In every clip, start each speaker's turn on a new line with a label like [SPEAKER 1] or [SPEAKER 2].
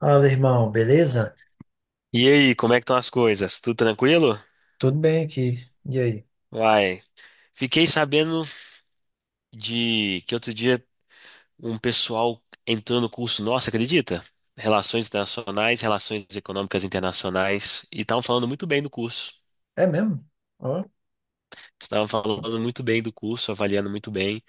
[SPEAKER 1] Fala, irmão, beleza?
[SPEAKER 2] E aí, como é que estão as coisas? Tudo tranquilo?
[SPEAKER 1] Tudo bem aqui. E aí?
[SPEAKER 2] Vai. Fiquei sabendo de que outro dia um pessoal entrou no curso nosso, acredita? Relações Internacionais, Relações Econômicas Internacionais, e estavam falando muito bem do curso.
[SPEAKER 1] É mesmo? Ó.
[SPEAKER 2] Estavam falando muito bem do curso, avaliando muito bem,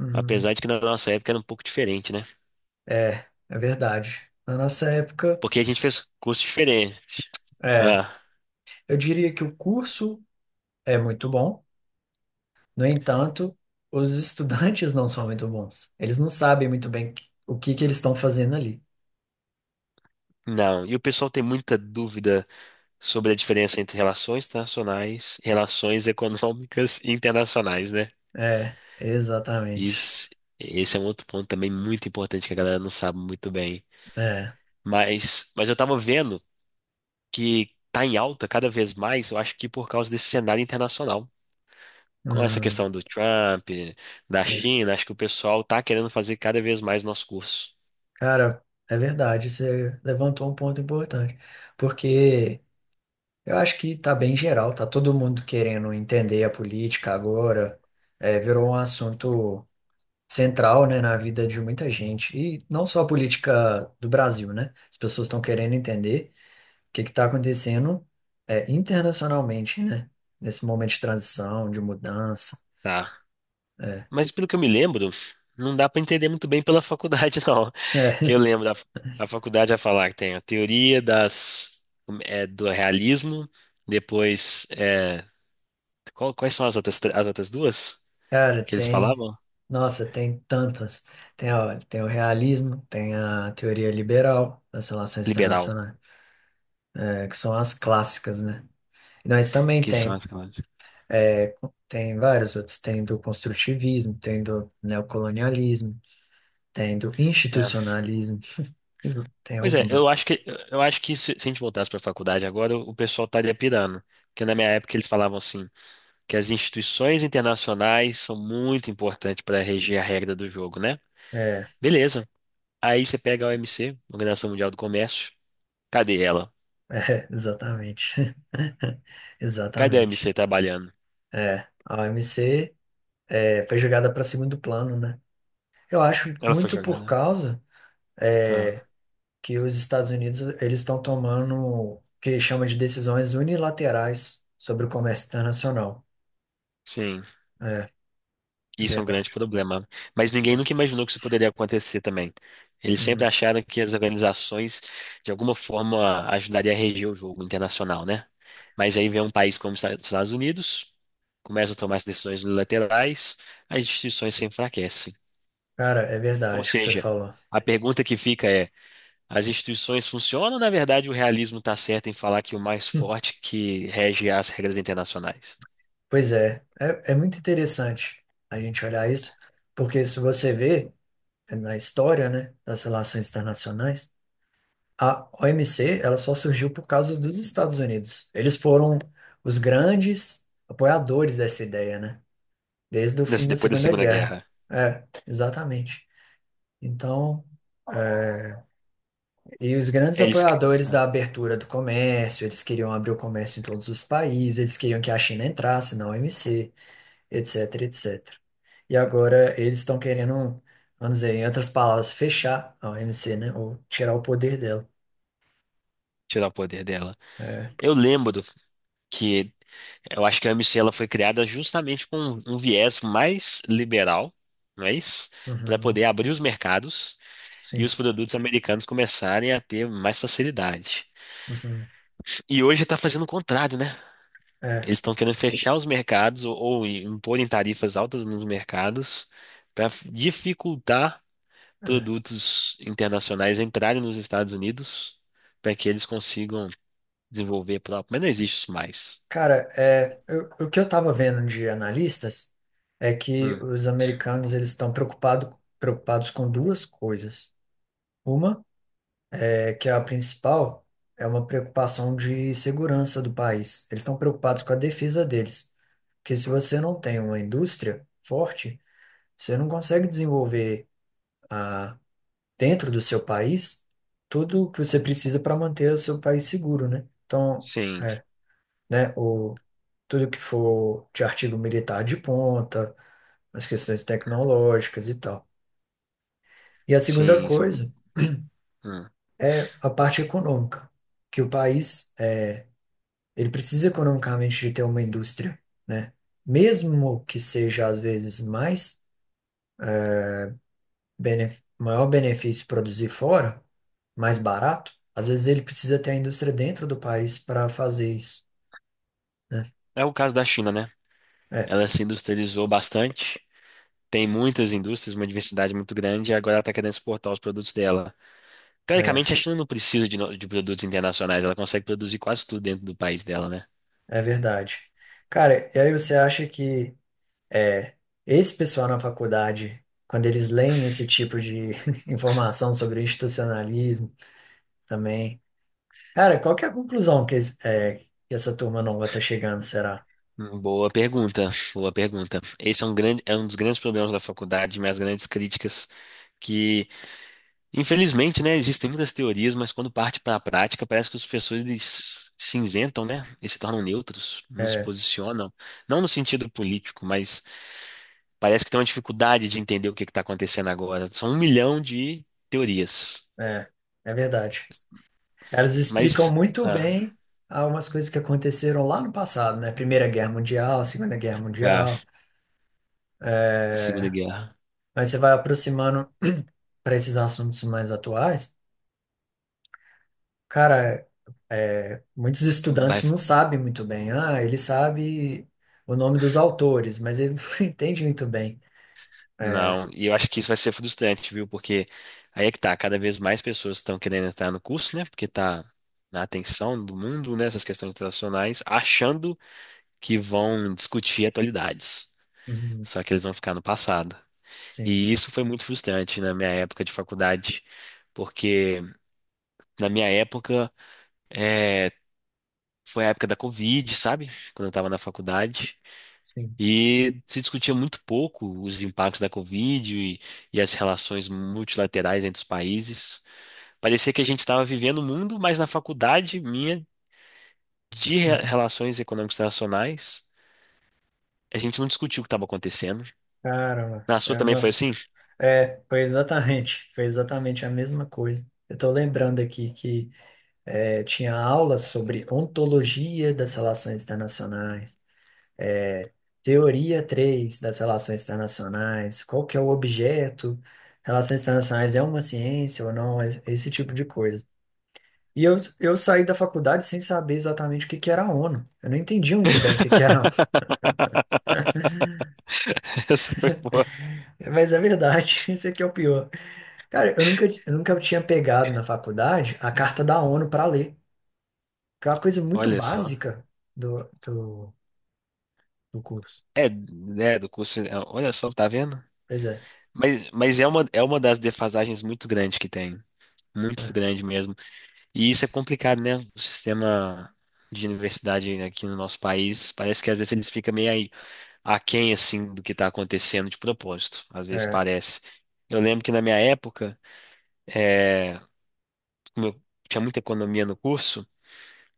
[SPEAKER 1] Uhum.
[SPEAKER 2] apesar de que na nossa época era um pouco diferente, né?
[SPEAKER 1] É, é verdade. Na nossa época,
[SPEAKER 2] Porque a gente fez curso diferente.
[SPEAKER 1] é.
[SPEAKER 2] Ah,
[SPEAKER 1] Eu diria que o curso é muito bom, no entanto, os estudantes não são muito bons. Eles não sabem muito bem o que que eles estão fazendo ali.
[SPEAKER 2] não. E o pessoal tem muita dúvida sobre a diferença entre relações internacionais, relações econômicas e internacionais, né?
[SPEAKER 1] É, exatamente.
[SPEAKER 2] Isso, esse é um outro ponto também muito importante que a galera não sabe muito bem.
[SPEAKER 1] É.
[SPEAKER 2] Mas eu tava vendo que tá em alta cada vez mais, eu acho que por causa desse cenário internacional. Com essa
[SPEAKER 1] Hum,
[SPEAKER 2] questão do Trump, da
[SPEAKER 1] é.
[SPEAKER 2] China, acho que o pessoal tá querendo fazer cada vez mais nosso curso,
[SPEAKER 1] Cara, é verdade, você levantou um ponto importante, porque. Eu acho que tá bem geral, tá todo mundo querendo entender a política agora, é, virou um assunto central, né, na vida de muita gente, e não só a política do Brasil, né? As pessoas estão querendo entender o que que tá acontecendo, é, internacionalmente, né? Nesse momento de transição, de mudança.
[SPEAKER 2] tá?
[SPEAKER 1] É.
[SPEAKER 2] Mas pelo que eu me lembro, não dá pra entender muito bem pela faculdade, não. Que eu lembro, a faculdade vai falar que tem a teoria das, do realismo, depois. Quais são as outras, as outras duas
[SPEAKER 1] Cara,
[SPEAKER 2] que eles
[SPEAKER 1] tem.
[SPEAKER 2] falavam?
[SPEAKER 1] Nossa, tem tantas. Tem, a, tem o realismo, tem a teoria liberal das relações
[SPEAKER 2] Liberal,
[SPEAKER 1] internacionais, é, que são as clássicas, né? Nós também
[SPEAKER 2] que são
[SPEAKER 1] tem.
[SPEAKER 2] aquelas.
[SPEAKER 1] Tem vários outros, tem do construtivismo, tem do neocolonialismo, tem do
[SPEAKER 2] É.
[SPEAKER 1] institucionalismo, tem tem
[SPEAKER 2] Pois é, eu
[SPEAKER 1] algumas.
[SPEAKER 2] acho que eu acho que se a gente voltasse para a faculdade agora, o pessoal estaria pirando. Porque na minha época eles falavam assim, que as instituições internacionais são muito importantes para reger a regra do jogo, né?
[SPEAKER 1] É,
[SPEAKER 2] Beleza. Aí você pega a OMC, Organização Mundial do Comércio. Cadê ela?
[SPEAKER 1] exatamente.
[SPEAKER 2] Cadê a OMC
[SPEAKER 1] Exatamente.
[SPEAKER 2] trabalhando?
[SPEAKER 1] É, a OMC foi jogada para segundo plano, né? Eu acho
[SPEAKER 2] Ela foi
[SPEAKER 1] muito por
[SPEAKER 2] jogada.
[SPEAKER 1] causa
[SPEAKER 2] Ah,
[SPEAKER 1] que os Estados Unidos eles estão tomando o que chama de decisões unilaterais sobre o comércio internacional.
[SPEAKER 2] sim.
[SPEAKER 1] É, é
[SPEAKER 2] Isso é um grande
[SPEAKER 1] verdade.
[SPEAKER 2] problema. Mas ninguém
[SPEAKER 1] Né?
[SPEAKER 2] nunca imaginou que isso poderia acontecer também. Eles sempre
[SPEAKER 1] Uhum.
[SPEAKER 2] acharam que as organizações, de alguma forma, ajudariam a reger o jogo internacional, né? Mas aí vem um país como os Estados Unidos, começa a tomar as decisões unilaterais, as instituições se enfraquecem.
[SPEAKER 1] Cara, é
[SPEAKER 2] Ou
[SPEAKER 1] verdade o que você
[SPEAKER 2] seja,
[SPEAKER 1] falou.
[SPEAKER 2] a pergunta que fica é: as instituições funcionam ou, na verdade, o realismo está certo em falar que o mais forte que rege as regras internacionais?
[SPEAKER 1] Pois é, é muito interessante a gente olhar isso, porque se você vê na história, né, das relações internacionais, a OMC, ela só surgiu por causa dos Estados Unidos. Eles foram os grandes apoiadores dessa ideia, né, desde o fim da
[SPEAKER 2] Depois da
[SPEAKER 1] Segunda
[SPEAKER 2] Segunda
[SPEAKER 1] Guerra.
[SPEAKER 2] Guerra,
[SPEAKER 1] É, exatamente. Então, eh, e os grandes
[SPEAKER 2] eles que-
[SPEAKER 1] apoiadores da
[SPEAKER 2] ah,
[SPEAKER 1] abertura do comércio, eles queriam abrir o comércio em todos os países, eles queriam que a China entrasse na OMC, etc, etc. etcétera. E agora eles estão querendo, vamos dizer, em outras palavras, fechar a OMC, né? Ou tirar o poder dela.
[SPEAKER 2] tirar o poder dela.
[SPEAKER 1] É.
[SPEAKER 2] Eu lembro que eu acho que a AMC ela foi criada justamente com um viés mais liberal, não é isso? Para
[SPEAKER 1] Uhum.
[SPEAKER 2] poder abrir os mercados e
[SPEAKER 1] Sim.
[SPEAKER 2] os produtos americanos começarem a ter mais facilidade.
[SPEAKER 1] Uhum.
[SPEAKER 2] E hoje está fazendo o contrário, né?
[SPEAKER 1] É.
[SPEAKER 2] Eles estão querendo fechar os mercados ou imporem tarifas altas nos mercados para dificultar
[SPEAKER 1] É.
[SPEAKER 2] produtos internacionais entrarem nos Estados Unidos para que eles consigam desenvolver próprio. Mas não existe isso mais.
[SPEAKER 1] Cara, é, o que eu tava vendo de analistas é que
[SPEAKER 2] Hum,
[SPEAKER 1] os americanos eles estão preocupados com duas coisas. Uma é que a principal é uma preocupação de segurança do país. Eles estão preocupados com a defesa deles. Porque se você não tem uma indústria forte, você não consegue desenvolver a- dentro do seu país tudo que você precisa para manter o seu país seguro, né? Então,
[SPEAKER 2] Sim,
[SPEAKER 1] é, né, o, tudo que for de artigo militar de ponta, as questões tecnológicas e tal. E a segunda
[SPEAKER 2] sim, são.
[SPEAKER 1] coisa, a parte econômica, que o país, é, ele precisa economicamente de ter uma indústria, né? Mesmo que seja, às vezes, mais benef maior benefício produzir fora, mais barato, às vezes ele precisa ter a indústria dentro do país para fazer isso. É,
[SPEAKER 2] É o caso da China, né?
[SPEAKER 1] é,
[SPEAKER 2] Ela se industrializou bastante, tem muitas indústrias, uma diversidade muito grande, e agora ela está querendo exportar os produtos dela.
[SPEAKER 1] é
[SPEAKER 2] Teoricamente, a China não precisa de, no- de produtos internacionais, ela consegue produzir quase tudo dentro do país dela, né?
[SPEAKER 1] é verdade. Cara, e aí você acha que é, esse pessoal na faculdade, quando eles leem esse tipo de informação sobre institucionalismo também, cara, qual que é a conclusão que, que essa turma nova tá chegando, será?
[SPEAKER 2] Boa pergunta, boa pergunta. Esse é é um dos grandes problemas da faculdade, minhas grandes críticas, que, infelizmente, né, existem muitas teorias, mas quando parte para a prática, parece que os professores eles se isentam, né, e se tornam neutros, não se
[SPEAKER 1] É,
[SPEAKER 2] posicionam, não no sentido político, mas parece que tem uma dificuldade de entender o que está acontecendo agora. São um milhão de teorias.
[SPEAKER 1] é, é verdade. Elas explicam
[SPEAKER 2] Mas.
[SPEAKER 1] muito
[SPEAKER 2] Ah,
[SPEAKER 1] bem algumas coisas que aconteceram lá no passado, né? Primeira Guerra Mundial, Segunda Guerra
[SPEAKER 2] ah,
[SPEAKER 1] Mundial.
[SPEAKER 2] Segunda Guerra.
[SPEAKER 1] Aí você vai aproximando para esses assuntos mais atuais. Cara, é, muitos estudantes
[SPEAKER 2] Vai.
[SPEAKER 1] não sabem muito bem. Ah, ele sabe o nome dos autores, mas ele não entende muito bem.
[SPEAKER 2] Não, e eu acho que isso vai ser frustrante, viu? Porque aí é que tá, cada vez mais pessoas estão querendo entrar no curso, né? Porque tá na atenção do mundo, né? Essas questões internacionais, achando que vão discutir atualidades.
[SPEAKER 1] Uhum,
[SPEAKER 2] Só que eles vão ficar no passado.
[SPEAKER 1] sim,
[SPEAKER 2] E isso foi muito frustrante na minha época de faculdade, porque na minha época eh, foi a época da Covid, sabe? Quando eu estava na faculdade.
[SPEAKER 1] sim.
[SPEAKER 2] E se discutia muito pouco os impactos da Covid e as relações multilaterais entre os países. Parecia que a gente estava vivendo o mundo, mas na faculdade minha de
[SPEAKER 1] Uhum.
[SPEAKER 2] relações econômicas internacionais, a gente não discutiu o que estava acontecendo.
[SPEAKER 1] Caramba,
[SPEAKER 2] Na sua
[SPEAKER 1] é,
[SPEAKER 2] também foi
[SPEAKER 1] nossa.
[SPEAKER 2] assim?
[SPEAKER 1] É, foi exatamente a mesma coisa. Eu estou lembrando aqui que é, tinha aula sobre ontologia das relações internacionais. Teoria 3 das relações internacionais, qual que é o objeto, relações internacionais é uma ciência ou não, esse tipo de coisa. E eu saí da faculdade sem saber exatamente o que que era a ONU. Eu não entendi muito bem o que que era a ONU,
[SPEAKER 2] Essa foi boa.
[SPEAKER 1] mas é verdade, esse aqui é o pior. Cara, eu nunca tinha pegado na faculdade a carta da ONU para ler, que é uma coisa muito
[SPEAKER 2] Olha só.
[SPEAKER 1] básica do, do, do curso.
[SPEAKER 2] É, né, do curso. Olha só, tá vendo?
[SPEAKER 1] Pois é,
[SPEAKER 2] Mas é é uma das defasagens muito grandes que tem. Muito
[SPEAKER 1] é,
[SPEAKER 2] grande mesmo. E isso é complicado, né? O sistema de universidade aqui no nosso país, parece que às vezes eles ficam meio aí aquém, assim, do que está acontecendo de propósito. Às vezes
[SPEAKER 1] é,
[SPEAKER 2] parece. Eu lembro que na minha época, é, como eu tinha muita economia no curso,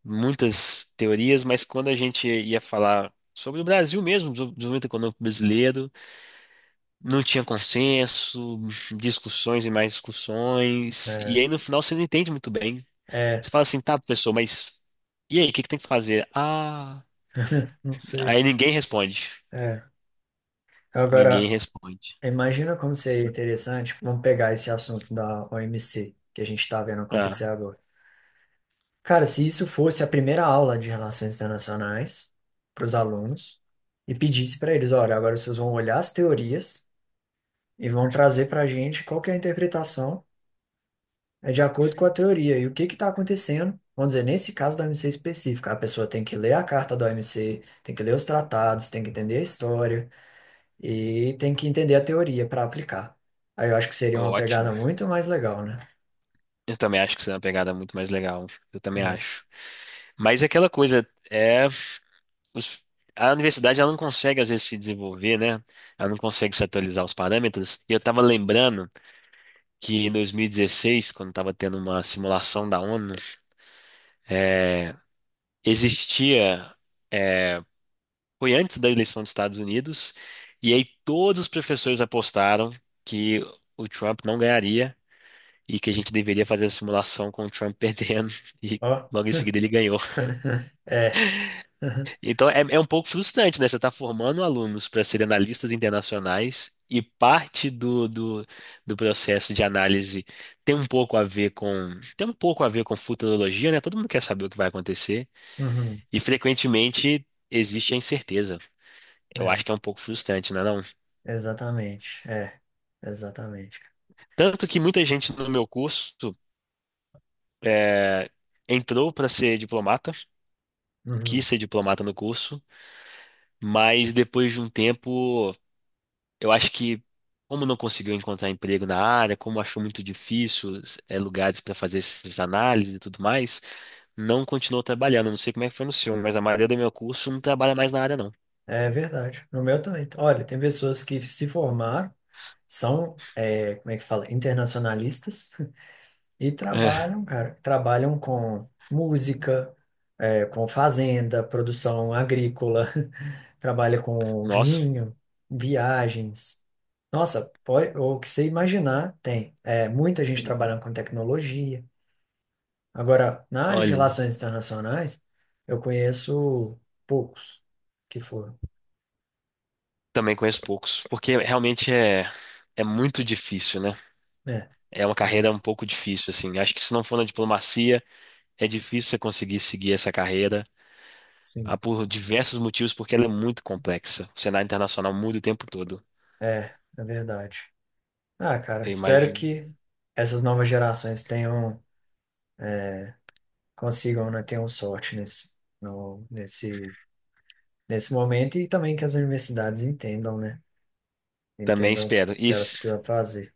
[SPEAKER 2] muitas teorias, mas quando a gente ia falar sobre o Brasil mesmo, do desenvolvimento econômico brasileiro, não tinha consenso, discussões e mais discussões, e
[SPEAKER 1] é,
[SPEAKER 2] aí no final você não entende muito bem. Você
[SPEAKER 1] é,
[SPEAKER 2] fala assim, tá, professor, mas e aí, o que que tem que fazer? Ah,
[SPEAKER 1] não sei.
[SPEAKER 2] aí ninguém responde.
[SPEAKER 1] É.
[SPEAKER 2] Ninguém
[SPEAKER 1] Agora.
[SPEAKER 2] responde.
[SPEAKER 1] Imagina como seria interessante, vamos pegar esse assunto da OMC que a gente está vendo acontecer
[SPEAKER 2] Ah,
[SPEAKER 1] agora. Cara, se isso fosse a primeira aula de relações internacionais para os alunos e pedisse para eles, olha, agora vocês vão olhar as teorias e vão trazer para a gente qual que é a interpretação é de acordo com a teoria e o que que está acontecendo. Vamos dizer, nesse caso da OMC específica, a pessoa tem que ler a carta da OMC, tem que ler os tratados, tem que entender a história. E tem que entender a teoria para aplicar. Aí eu acho que seria uma
[SPEAKER 2] Ótimo.
[SPEAKER 1] pegada muito mais legal, né?
[SPEAKER 2] Eu também acho que isso é uma pegada muito mais legal. Eu também
[SPEAKER 1] É.
[SPEAKER 2] acho. Mas é aquela coisa, os- a universidade ela não consegue às vezes se desenvolver, né? Ela não consegue se atualizar os parâmetros. E eu tava lembrando que em 2016, quando tava tendo uma simulação da ONU, existia. Foi antes da eleição dos Estados Unidos, e aí todos os professores apostaram que o Trump não ganharia e que a gente deveria fazer a simulação com o Trump perdendo, e
[SPEAKER 1] Ó.
[SPEAKER 2] logo em seguida ele ganhou.
[SPEAKER 1] É.
[SPEAKER 2] Então é um pouco frustrante, né? Você está formando alunos para serem analistas internacionais e parte do processo de análise tem um pouco a ver com tem um pouco a ver com futurologia, né? Todo mundo quer saber o que vai acontecer
[SPEAKER 1] Uhum.
[SPEAKER 2] e frequentemente existe a incerteza. Eu
[SPEAKER 1] É.
[SPEAKER 2] acho que é um pouco frustrante, não é não?
[SPEAKER 1] Exatamente. É. Exatamente.
[SPEAKER 2] Tanto que muita gente no meu curso é, entrou para ser diplomata, quis
[SPEAKER 1] Uhum.
[SPEAKER 2] ser diplomata no curso, mas depois de um tempo, eu acho que como não conseguiu encontrar emprego na área, como achou muito difícil lugares para fazer essas análises e tudo mais, não continuou trabalhando. Não sei como é que foi no seu, mas a maioria do meu curso não trabalha mais na área, não.
[SPEAKER 1] É verdade. No meu também. Olha, tem pessoas que se formaram, são, é, como é que fala? Internacionalistas. E
[SPEAKER 2] É,
[SPEAKER 1] trabalham, cara, trabalham com música, é, com fazenda, produção agrícola, trabalha com
[SPEAKER 2] nossa,
[SPEAKER 1] vinho, viagens. Nossa, pode, o que você imaginar tem. É, muita gente trabalhando com tecnologia. Agora, na área de
[SPEAKER 2] olha,
[SPEAKER 1] relações internacionais, eu conheço poucos que foram.
[SPEAKER 2] também conheço poucos, porque realmente é muito difícil, né?
[SPEAKER 1] Né?
[SPEAKER 2] É uma
[SPEAKER 1] É,
[SPEAKER 2] carreira um pouco difícil, assim. Acho que se não for na diplomacia, é difícil você conseguir seguir essa carreira,
[SPEAKER 1] sim.
[SPEAKER 2] por diversos motivos, porque ela é muito complexa. O cenário internacional muda o tempo todo,
[SPEAKER 1] É, é verdade. Ah, cara,
[SPEAKER 2] eu
[SPEAKER 1] espero
[SPEAKER 2] imagino.
[SPEAKER 1] que essas novas gerações tenham consigam, né, ter um sorte nesse, no, nesse, nesse momento e também que as universidades entendam, né?
[SPEAKER 2] Também
[SPEAKER 1] Entendam o que,
[SPEAKER 2] espero.
[SPEAKER 1] que elas
[SPEAKER 2] Isso,
[SPEAKER 1] precisam fazer.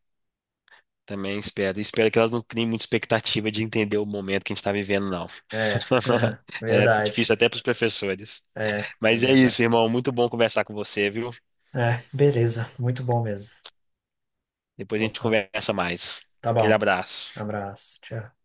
[SPEAKER 2] também espero. E espero que elas não criem muita expectativa de entender o momento que a gente está vivendo, não.
[SPEAKER 1] É,
[SPEAKER 2] É
[SPEAKER 1] verdade.
[SPEAKER 2] difícil até para os professores.
[SPEAKER 1] É, é
[SPEAKER 2] Mas é
[SPEAKER 1] verdade.
[SPEAKER 2] isso, irmão. Muito bom conversar com você, viu?
[SPEAKER 1] É, beleza, muito bom mesmo.
[SPEAKER 2] Depois a
[SPEAKER 1] Então
[SPEAKER 2] gente
[SPEAKER 1] tá.
[SPEAKER 2] conversa mais.
[SPEAKER 1] Tá
[SPEAKER 2] Aquele
[SPEAKER 1] bom.
[SPEAKER 2] abraço.
[SPEAKER 1] Abraço, tchau.